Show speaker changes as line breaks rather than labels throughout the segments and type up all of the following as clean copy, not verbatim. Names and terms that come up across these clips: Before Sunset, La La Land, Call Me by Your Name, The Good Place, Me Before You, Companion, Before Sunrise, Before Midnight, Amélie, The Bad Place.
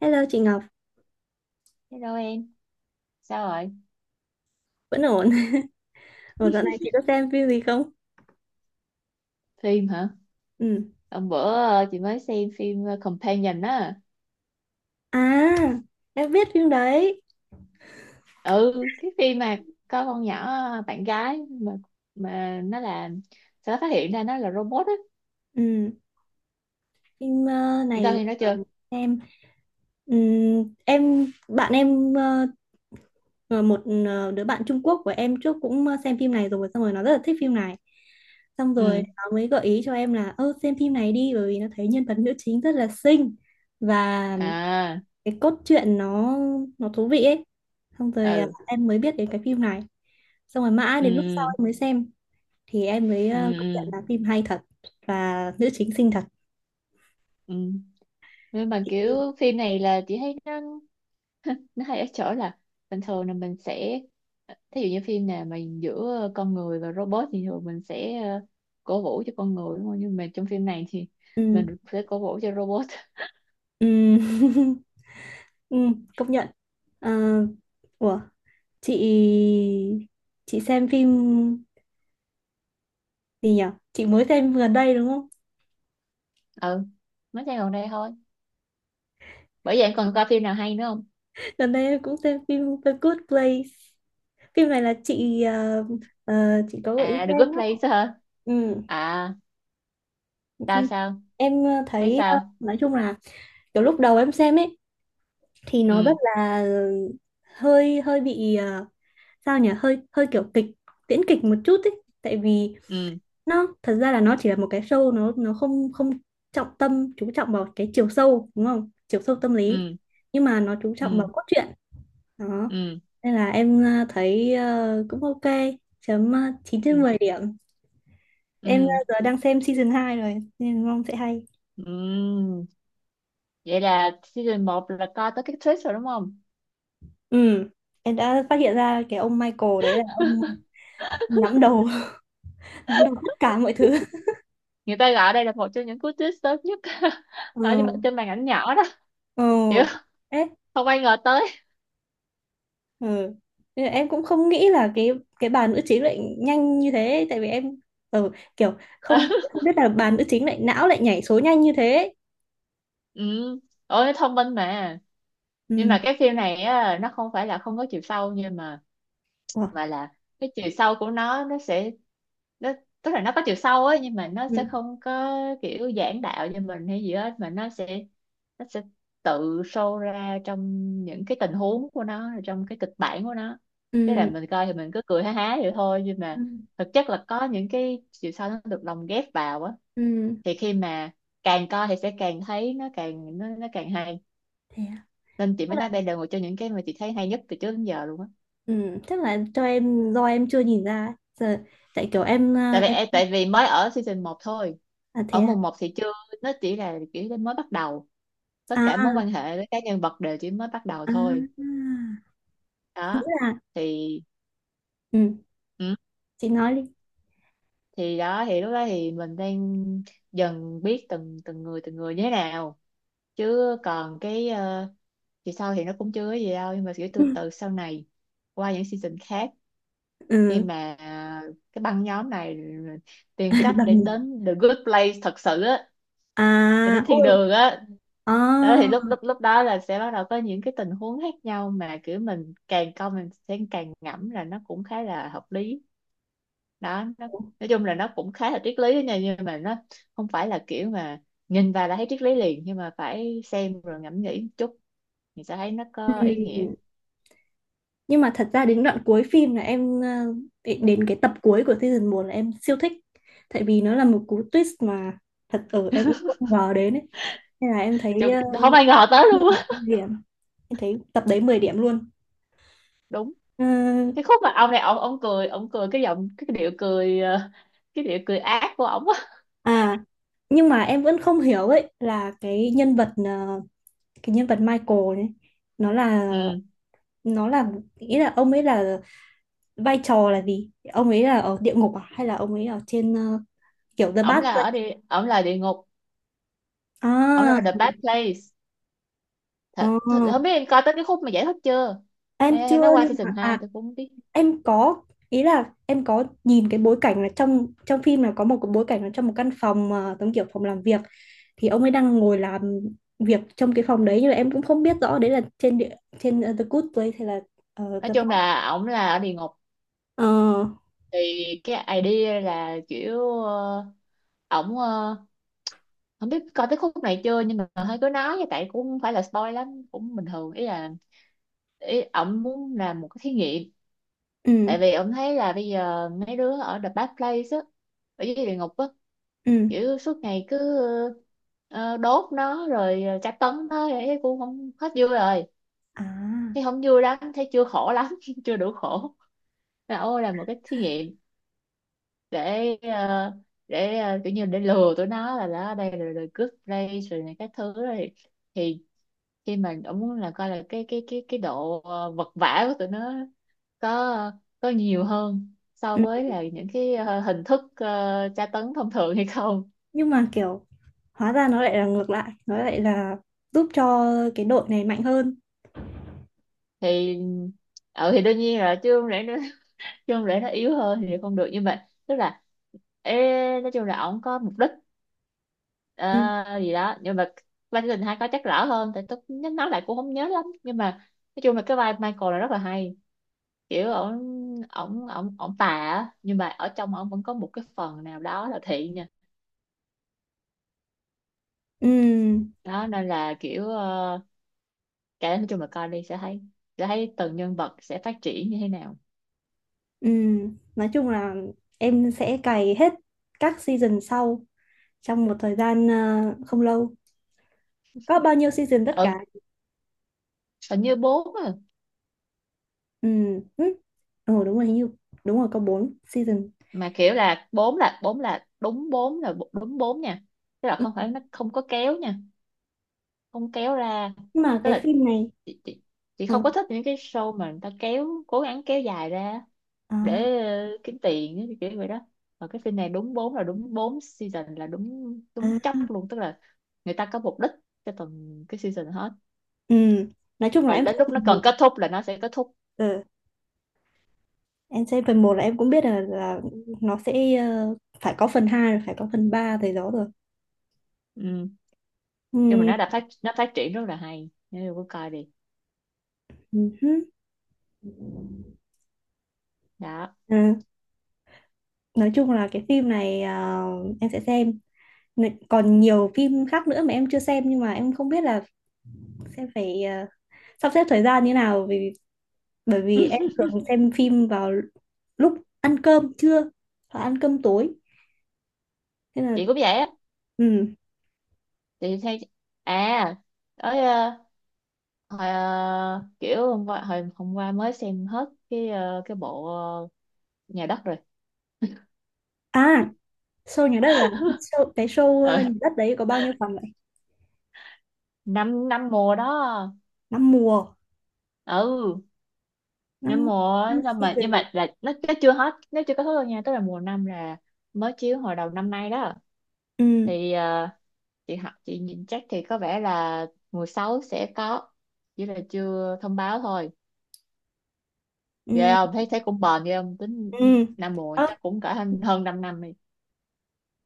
Hello chị Ngọc,
Hello em, sao rồi?
vẫn ổn. Ủa dạo này chị có xem phim gì không?
Phim hả?
Ừ.
Hôm bữa chị mới xem phim Companion á.
À, em biết phim đấy.
Ừ, cái phim mà có con nhỏ bạn gái mà nó là sẽ phát hiện ra nó là robot á.
Ừ. Phim
Em coi
này,
phim đó chưa?
em em bạn em, ờ, một đứa bạn Trung Quốc của em trước cũng xem phim này rồi, xong rồi nó rất là thích phim này. Xong rồi
Ừ.
nó mới gợi ý cho em là ơ xem phim này đi, bởi vì nó thấy nhân vật nữ chính rất là xinh và
À,
cái cốt truyện nó thú vị ấy, xong rồi
ừ.
em mới biết đến cái phim này, xong rồi mãi
Ừ.
đến lúc sau em mới xem, thì em mới
Ừ.
công nhận
Ừ.
là phim hay thật và nữ chính xinh thật.
Ừ. Nhưng mà kiểu phim này là chị thấy nó hay ở chỗ là bình thường là mình sẽ thí dụ như phim nào mà giữa con người và robot thì thường mình sẽ cổ vũ cho con người đúng không, nhưng mà trong phim này thì
Ừ,
mình sẽ cổ vũ cho robot.
ừ, ừ, công nhận. Ờ, ủa, chị chị xem phim gì nhỉ, chị mới xem gần đây đúng không?
Ừ, mới xem gần đây thôi. Bởi vậy em còn coi phim nào hay nữa không?
Gần đây em cũng xem phim The Good Place. Phim này là chị chị có gợi ý
À,
cho
The
em
Good
đó.
Place hả?
Ừ.
À, tao
Phim
sao,
em
thấy
thấy
sao?
nói chung là kiểu lúc đầu em xem ấy thì nó rất
Ừ.
là hơi hơi bị sao nhỉ, hơi hơi kiểu kịch tiễn kịch một chút ấy, tại vì
Ừ.
nó thật ra là nó chỉ là một cái show, nó không không trọng tâm chú trọng vào cái chiều sâu, đúng không, chiều sâu tâm lý,
Ừ.
nhưng mà nó chú trọng vào
Ừ.
cốt truyện đó.
Ừ.
Nên là em thấy cũng ok, chấm 9
Ừ.
trên 10 điểm. Em
Ừ.
giờ đang xem season 2 rồi nên mong sẽ hay.
Ừ. Vậy là season một là coi tới cái twist rồi đúng không?
Ừ, em đã phát hiện ra cái ông Michael đấy là ông nắm đầu, nắm đầu tất cả mọi thứ.
Người ta gọi đây là một trong những cú twist sớm nhất ở
Ừ.
trên màn ảnh nhỏ đó,
Ừ.
kiểu
Ê,
không ai ngờ tới.
ừ. Thế là em cũng không nghĩ là cái bà nữ chính lại nhanh như thế, tại vì em, ừ, kiểu không không biết là bà nữ chính lại não, lại nhảy số nhanh như thế.
Ừ, ôi thông minh mà. Nhưng
Ừ.
mà cái phim này á, nó không phải là không có chiều sâu nhưng
Ủa.
mà là cái chiều sâu của nó sẽ nó tức là nó có chiều sâu ấy, nhưng mà nó sẽ
Ừ.
không có kiểu giảng đạo cho mình hay gì hết, mà nó sẽ tự show ra trong những cái tình huống của nó rồi trong cái kịch bản của nó. Thế là
Ừ.
mình coi thì mình cứ cười ha há vậy thôi, nhưng
Ừ.
mà thực chất là có những cái chiều sâu nó được lồng ghép vào á.
Ừ.
Thì khi mà càng coi thì sẽ càng thấy nó càng hay,
Thế à?
nên chị
Tức
mới nói
là,
đây là một trong những cái mà chị thấy hay nhất từ trước đến giờ luôn á.
ừ, chắc là cho em do em chưa nhìn ra ấy. Giờ tại kiểu em ờ, em
Tại vì mới ở season một thôi.
à
Ở
thế à.
mùa một thì chưa, nó chỉ là kiểu nó mới bắt đầu,
À
tất cả
à.
mối quan hệ với các nhân vật đều chỉ mới bắt đầu
À.
thôi. Đó
Nghĩa là
thì
ừ.
ừ,
Chị nói đi.
thì đó thì lúc đó thì mình đang dần biết từng từng người người như thế nào, chứ còn cái thì sau thì nó cũng chưa có gì đâu, nhưng mà kiểu từ từ sau này qua những season khác, khi
Ừ.
mà cái băng nhóm này
À,
tìm cách
bằng
để
nhiều,
đến the good place thật sự á,
à
thì đến thiên
ui,
đường á. Đó thì
à,
lúc lúc lúc đó là sẽ bắt đầu có những cái tình huống khác nhau mà kiểu mình càng coi mình sẽ càng ngẫm là nó cũng khá là hợp lý. Đó nó, nói chung là nó cũng khá là triết lý đó nha, nhưng mà nó không phải là kiểu mà nhìn vào là thấy triết lý liền, nhưng mà phải xem rồi ngẫm nghĩ một chút thì sẽ thấy nó có ý
ừ.
nghĩa.
Nhưng mà thật ra đến đoạn cuối phim là em đến đến cái tập cuối của season một là em siêu thích, tại vì nó là một cú twist mà thật ở em cũng không ngờ đến ấy, nên là em thấy
Chứ không
uh,
ai ngờ tới
10
luôn á.
điểm, 10 điểm. Em thấy tập đấy 10 điểm luôn.
Đúng,
Ờ,
cái khúc mà ông này ông cười cười cái giọng cái điệu cười cái điệu cười ác của ổng á.
à, nhưng mà em vẫn không hiểu ấy là cái nhân vật, cái nhân vật Michael này nó là,
Ừ,
nó là, nghĩ là ông ấy là, vai trò là gì, ông ấy là ở địa ngục à hay là ông ấy ở trên, kiểu The
ổng
Bad
là ở
Place
đi, ổng là địa ngục, ổng là
à.
The Bad Place.
ờ,
Thật, thật không biết em coi tới cái khúc mà giải thích chưa,
em
hay, hay
chưa,
nó qua
nhưng
season
mà
hai
à
tôi cũng không biết.
em có, ý là em có nhìn cái bối cảnh là trong trong phim là có một cái bối cảnh là trong một căn phòng, giống kiểu phòng làm việc, thì ông ấy đang ngồi làm việc trong cái phòng đấy nhưng mà em cũng không biết rõ đấy là trên địa, trên, The Good Place hay là
Nói
The
chung
Bad.
là ổng là ở địa ngục.
Ờ.
Thì cái idea là kiểu ổng không biết coi tới khúc này chưa nhưng mà hơi cứ nói vậy, tại cũng không phải là spoil lắm cũng bình thường, ý là ý ổng muốn làm một cái thí nghiệm.
Ừ.
Tại vì ông thấy là bây giờ mấy đứa ở The Bad Place á, ở dưới địa ngục á,
Ừ.
kiểu suốt ngày cứ đốt nó rồi tra tấn nó thế cũng không hết vui rồi,
À.
thấy không vui lắm, thấy chưa khổ lắm, chưa đủ khổ, là ô là một cái thí nghiệm để ờ, để kiểu như để lừa tụi nó là đó đây là đời cướp đây rồi này các thứ rồi. Thì khi mà ông muốn là coi là cái độ vật vã của tụi nó có nhiều hơn so
Ừ.
với là những cái hình thức tra tấn thông thường hay không.
Nhưng mà kiểu hóa ra nó lại là ngược lại, nó lại là giúp cho cái đội này mạnh hơn.
Thì ừ, thì đương nhiên là chứ không lẽ nó chứ không lẽ nó yếu hơn thì không được, nhưng mà tức là ê, nói chung là ổng có mục đích
Ừ.
ờ, gì đó, nhưng mà vai tình hai có chắc rõ hơn tại tôi nhớ nói lại cũng không nhớ lắm, nhưng mà nói chung là cái vai Michael là rất là hay, kiểu ổng ổng ổng ổng tà á nhưng mà ở trong ổng vẫn có một cái phần nào đó là thiện nha.
Ừ.
Đó nên là kiểu cái nói chung là coi đi sẽ thấy, từng nhân vật sẽ phát triển như thế nào.
Ừ. Nói chung là em sẽ cày hết các season sau trong một thời gian không lâu. Có bao nhiêu season tất
Ừ,
cả?
hình như bốn à.
Ừ. Ừ. Ờ, đúng rồi hình như, đúng rồi có 4 season.
Mà kiểu là bốn là bốn là đúng bốn là đúng bốn nha, tức là
Ừ.
không phải nó không có kéo nha, không kéo ra,
Nhưng mà
tức
cái
là
phim này,
chị, chị, chị
ờ,
không có thích những cái show mà người ta kéo cố gắng kéo dài ra
à,
để kiếm tiền ấy, kiểu vậy đó. Và cái phim này đúng bốn là đúng bốn season là đúng
à,
đúng chóc luôn, tức là người ta có mục đích cho từng cái season hết,
ừ, nói chung là
và
em thích
đến lúc nó
phần
cần
một.
kết thúc là nó sẽ kết thúc.
Ừ. Em xem phần một là em cũng biết là nó sẽ phải có phần 2 rồi phải có phần 3 thầy đó rồi.
Ừ. Nhưng mà
Ừ.
nó phát triển rất là hay nếu cô coi đi.
Ừ hứ.
Đó.
À, nói chung là cái phim này à, em sẽ xem. N- Còn nhiều phim khác nữa mà em chưa xem, nhưng mà em không biết là sẽ phải, à, sắp xếp thời gian như nào, vì bởi vì em thường xem phim vào lúc ăn cơm trưa hoặc ăn cơm tối. Thế là
Chị cũng vậy á.
ừ.
Chị thấy à, ở Hồi, kiểu hôm qua hồi hôm qua mới xem hết cái cái bộ nhà đất rồi.
À, show nhà đất à? Show, cái show
Ừ,
nhà đất đấy có bao nhiêu phần vậy?
năm năm mùa đó.
Năm mùa,
Ừ, năm
năm
mùa
năm
á, xong mà nhưng
season.
mà là nó chưa hết nó chưa kết thúc đâu nha, tức là mùa năm là mới chiếu hồi đầu năm nay đó.
Ừ.
Thì chị học chị nhìn chắc thì có vẻ là mùa sáu sẽ có, chỉ là chưa thông báo thôi. Ghê
Ừ.
không, thấy thấy cũng bền ghê không tính,
Ừ.
năm muộn
Ờ.
chắc cũng cả hơn hơn 5 năm đi.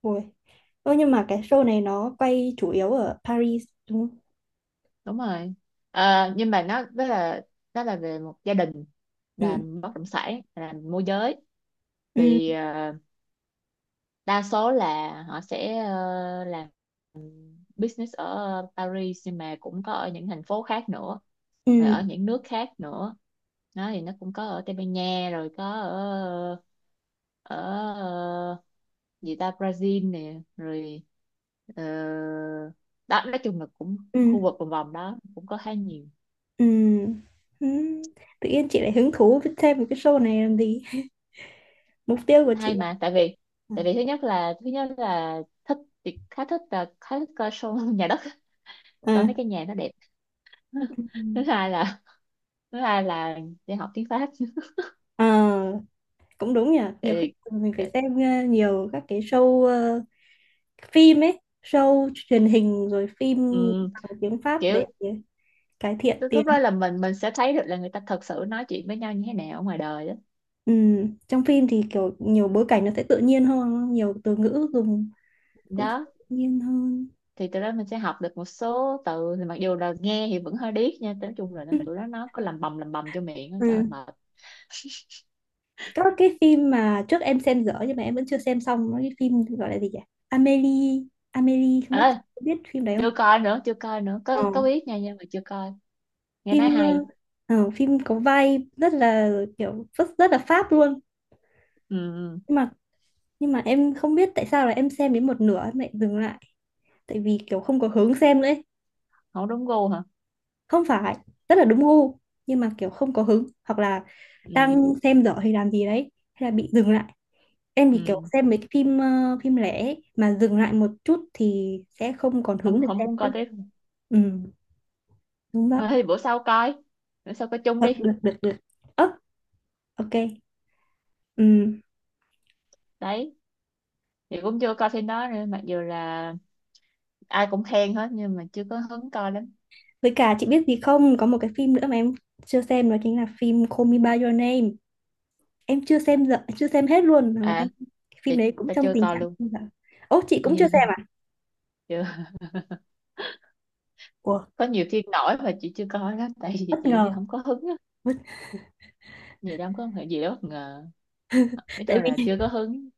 Ôi. Ơ, nhưng mà cái show này nó quay chủ yếu ở Paris đúng không?
Đúng rồi. Ờ, nhưng mà nó đó là về một gia đình
Ừ.
làm bất động sản làm môi giới.
Ừ.
Thì đa số là họ sẽ làm business ở Paris, nhưng mà cũng có ở những thành phố khác nữa rồi
Ừ.
ở những nước khác nữa. Nó thì nó cũng có ở Tây Ban Nha rồi có ở ở ờ, gì ta Brazil nè rồi, ờ, đó nói chung là cũng
Ừ.
khu vực vòng vòng đó cũng có khá nhiều.
Ừ. Ừ. Tự nhiên chị lại hứng thú với thêm một cái show này làm gì? Mục tiêu của chị
Hay
là,
mà tại vì,
à,
thứ nhất là thích, thì khá thích coi show nhà đất, coi
à,
mấy cái nhà nó đẹp.
ừ.
thứ hai là Thứ hai là đi học tiếng Pháp.
Ờ, cũng đúng nhỉ. Nhiều khi
Tại
mình
vì,
phải xem nhiều các cái show, phim ấy, show truyền hình rồi phim
ừ,
bằng tiếng Pháp để
kiểu
cải thiện
lúc
tiếng.
lúc đó là mình sẽ thấy được là người ta thật sự nói chuyện với nhau như thế nào ở ngoài đời đó.
Ừ, trong phim thì kiểu nhiều bối cảnh nó sẽ tự nhiên hơn, nhiều từ ngữ dùng cũng sẽ
Đó.
tự nhiên hơn.
Thì từ đó mình sẽ học được một số từ, thì mặc dù là nghe thì vẫn hơi điếc nha, nói chung là nó-
Ừ.
tụi nó có làm bầm cho miệng á,
Ừ.
trời ơi, mệt.
Các cái phim mà trước em xem dở nhưng mà em vẫn chưa xem xong, nó cái phim gọi là gì nhỉ? Amélie, Amélie, không
Ê,
biết, biết phim đấy không?
chưa coi nữa
Ờ,
có biết nha nhưng mà chưa coi, nghe nói
phim
hay.
phim có vai rất là, kiểu rất, rất là Pháp luôn.
Ừ, ừ.
Nhưng mà nhưng mà em không biết tại sao là em xem đến một nửa em lại dừng lại, tại vì kiểu không có hứng xem nữa ấy.
Không đúng gu hả?
Không phải, rất là đúng gu, nhưng mà kiểu không có hứng hoặc là
Ừ,
đang xem dở hay làm gì đấy hay là bị dừng lại. Em thì kiểu
ừ.
xem mấy cái phim phim lẻ ấy, mà dừng lại một chút thì sẽ không còn
Không,
hứng để
không
xem
muốn
nữa.
coi tiếp.
Ừ. Đúng
Thôi
đó.
thì bữa sau coi, bữa sau coi chung
Được
đi.
được được được. Ơ, ok, ừ.
Đấy, thì cũng chưa coi phim đó nữa, mặc dù là ai cũng khen hết nhưng mà chưa có hứng coi lắm.
Với cả chị biết gì không, có một cái phim nữa mà em chưa xem đó chính là phim Call Me by Your Name. Em chưa xem dở, chưa xem hết luôn, mà
À,
em, cái
chị
phim đấy cũng
tao
trong
chưa
tình
coi
trạng
luôn.
không dở. Ồ, chị cũng chưa xem à?
Chưa.
Ủa,
Có nhiều phim nổi mà chị chưa coi đó tại
bất
vì chị
ngờ.
không có hứng á, gì đâu có phải gì đó bất ngờ, nói chung
tại
là
vì
chưa có hứng.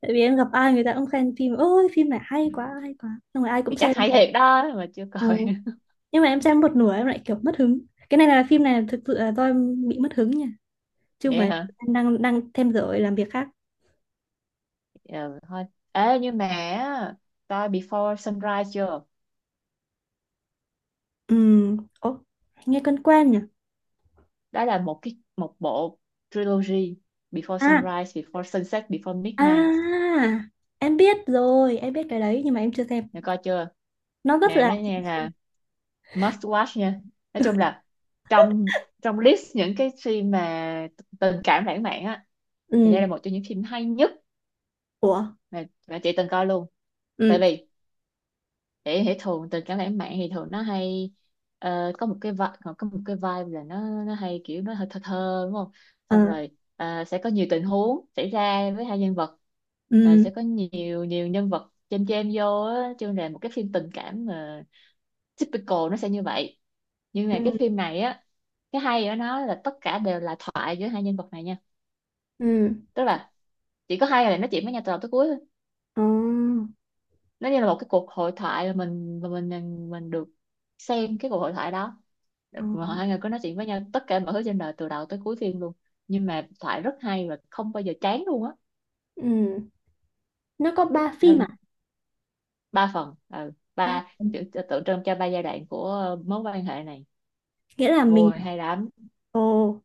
tại vì em gặp ai người ta cũng khen phim ôi phim này hay quá hay quá, xong rồi ai cũng
Thì
xem.
chắc hay thiệt đó mà chưa
Ừ.
coi.
Nhưng mà em xem một nửa em lại kiểu mất hứng. Cái này là phim này thực sự là do em bị mất hứng nha, chứ không
Vậy
phải
hả?
em đang đang thêm giờ làm việc khác.
Ờ, thôi, ê nhưng mà á, coi Before Sunrise chưa?
Ừ. Ồ, nghe quen quen nhỉ.
Đó là một cái một bộ trilogy: Before
À,
Sunrise, Before Sunset, Before
à,
Midnight.
em biết rồi, em biết cái đấy nhưng mà em chưa xem.
Nè coi chưa?
Nó rất
Nè
là
nó nghe là must watch nha. Nói chung là trong trong list những cái phim mà tình cảm lãng mạn á, thì đây
ừ,
là một trong những phim hay nhất
ủa,
mà chị từng coi luôn. Tại
ừ,
vì để hệ thường tình cảm lãng mạn thì thường nó hay, có một cái vibe, có một cái vibe là nó hay kiểu nó hơi thơ thơ đúng không.
ờ,
Xong rồi sẽ có nhiều tình huống xảy ra với hai nhân vật. Ờ,
ừ,
sẽ có nhiều nhiều nhân vật chêm chêm vô á, chứ là một cái phim tình cảm mà typical nó sẽ như vậy. Nhưng mà cái
ừ,
phim này á, cái hay ở nó là tất cả đều là thoại giữa hai nhân vật này nha,
ừ,
tức là chỉ có hai người này nói chuyện với nhau từ đầu tới cuối thôi.
ờ,
Nó như là một cái cuộc hội thoại là mình được xem cái cuộc hội thoại đó,
ờ,
mà hai người có nói chuyện với nhau tất cả mọi thứ trên đời từ đầu tới cuối phim luôn, nhưng mà thoại rất hay và không bao giờ chán luôn á.
ừ. Nó có ba phim à?
Nên ba phần ừ,
Ba,
ba tượng tượng trưng cho ba giai đoạn của mối quan hệ này.
nghĩa là mình,
Ôi hay lắm.
ồ,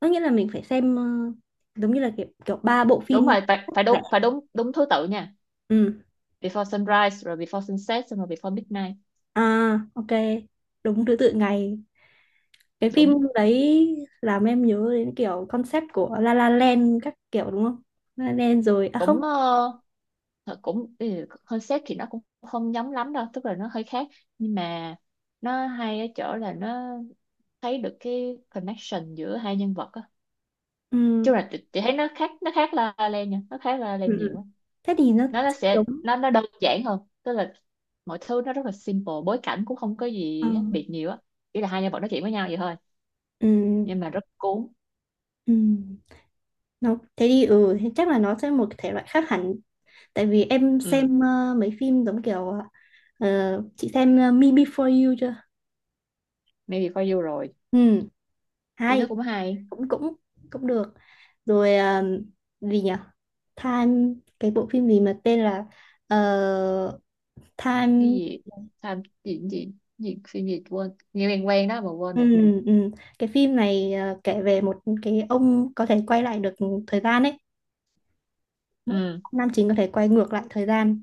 có nghĩa là mình phải xem giống như là kiểu kiểu ba bộ
Đúng
phim
rồi, phải phải
lẻ.
đúng đúng đúng thứ tự nha.
Ừ.
Before Sunrise rồi Before Sunset xong rồi Before Midnight.
À. Ok, đúng thứ tự ngày, cái phim
Đúng.
đấy làm em nhớ đến kiểu concept của La La Land các kiểu đúng không? La La Land rồi à không?
Cũng thật cũng ừ, concept thì nó cũng không giống lắm đâu, tức là nó hơi khác, nhưng mà nó hay ở chỗ là nó thấy được cái connection giữa hai nhân vật á.
Ừ,
Chung là chị thấy nó khác La La Land nha, nó khác La La Land
ừ.
nhiều
Ừ.
á.
Thế thì nó
Nó
sẽ
sẽ
giống,
nó đơn giản hơn, tức là mọi thứ nó rất là simple, bối cảnh cũng không có
ờ,
gì khác biệt nhiều á, chỉ là hai nhân vật nói chuyện với nhau vậy thôi,
ừ.
nhưng mà rất cuốn.
Ừ. Nó, thế thì ừ thế chắc là nó sẽ một cái thể loại khác hẳn, tại vì em
Ừ,
xem mấy phim giống kiểu ờ, chị xem Me Before You chưa?
maybe for you rồi,
Ừ.
thì nó
Hay,
cũng hay.
cũng cũng cũng được. Rồi, à, gì nhỉ, Time, cái bộ phim gì mà tên là ờ,
Cái
Time.
gì? Tham gì gì gì phim gì quên, nghe quen quen đó mà quên
Ừ,
rồi.
ừ. Cái phim này à, kể về một cái ông có thể quay lại được thời gian ấy.
Ừ,
Nam chính có thể quay ngược lại thời gian.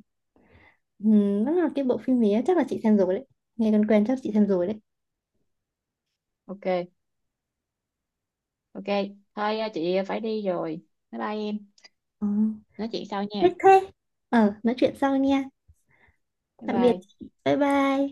Ừ, đó là cái bộ phim này chắc là chị xem rồi đấy, nghe quen quen, chắc chị xem rồi đấy.
ok, ok thôi à, chị phải đi rồi, bye bye em.
Ừ.
Nói chuyện sau nha.
Thế thế. Ờ, nói chuyện sau nha.
Bye
Tạm biệt
bye.
chị. Bye bye.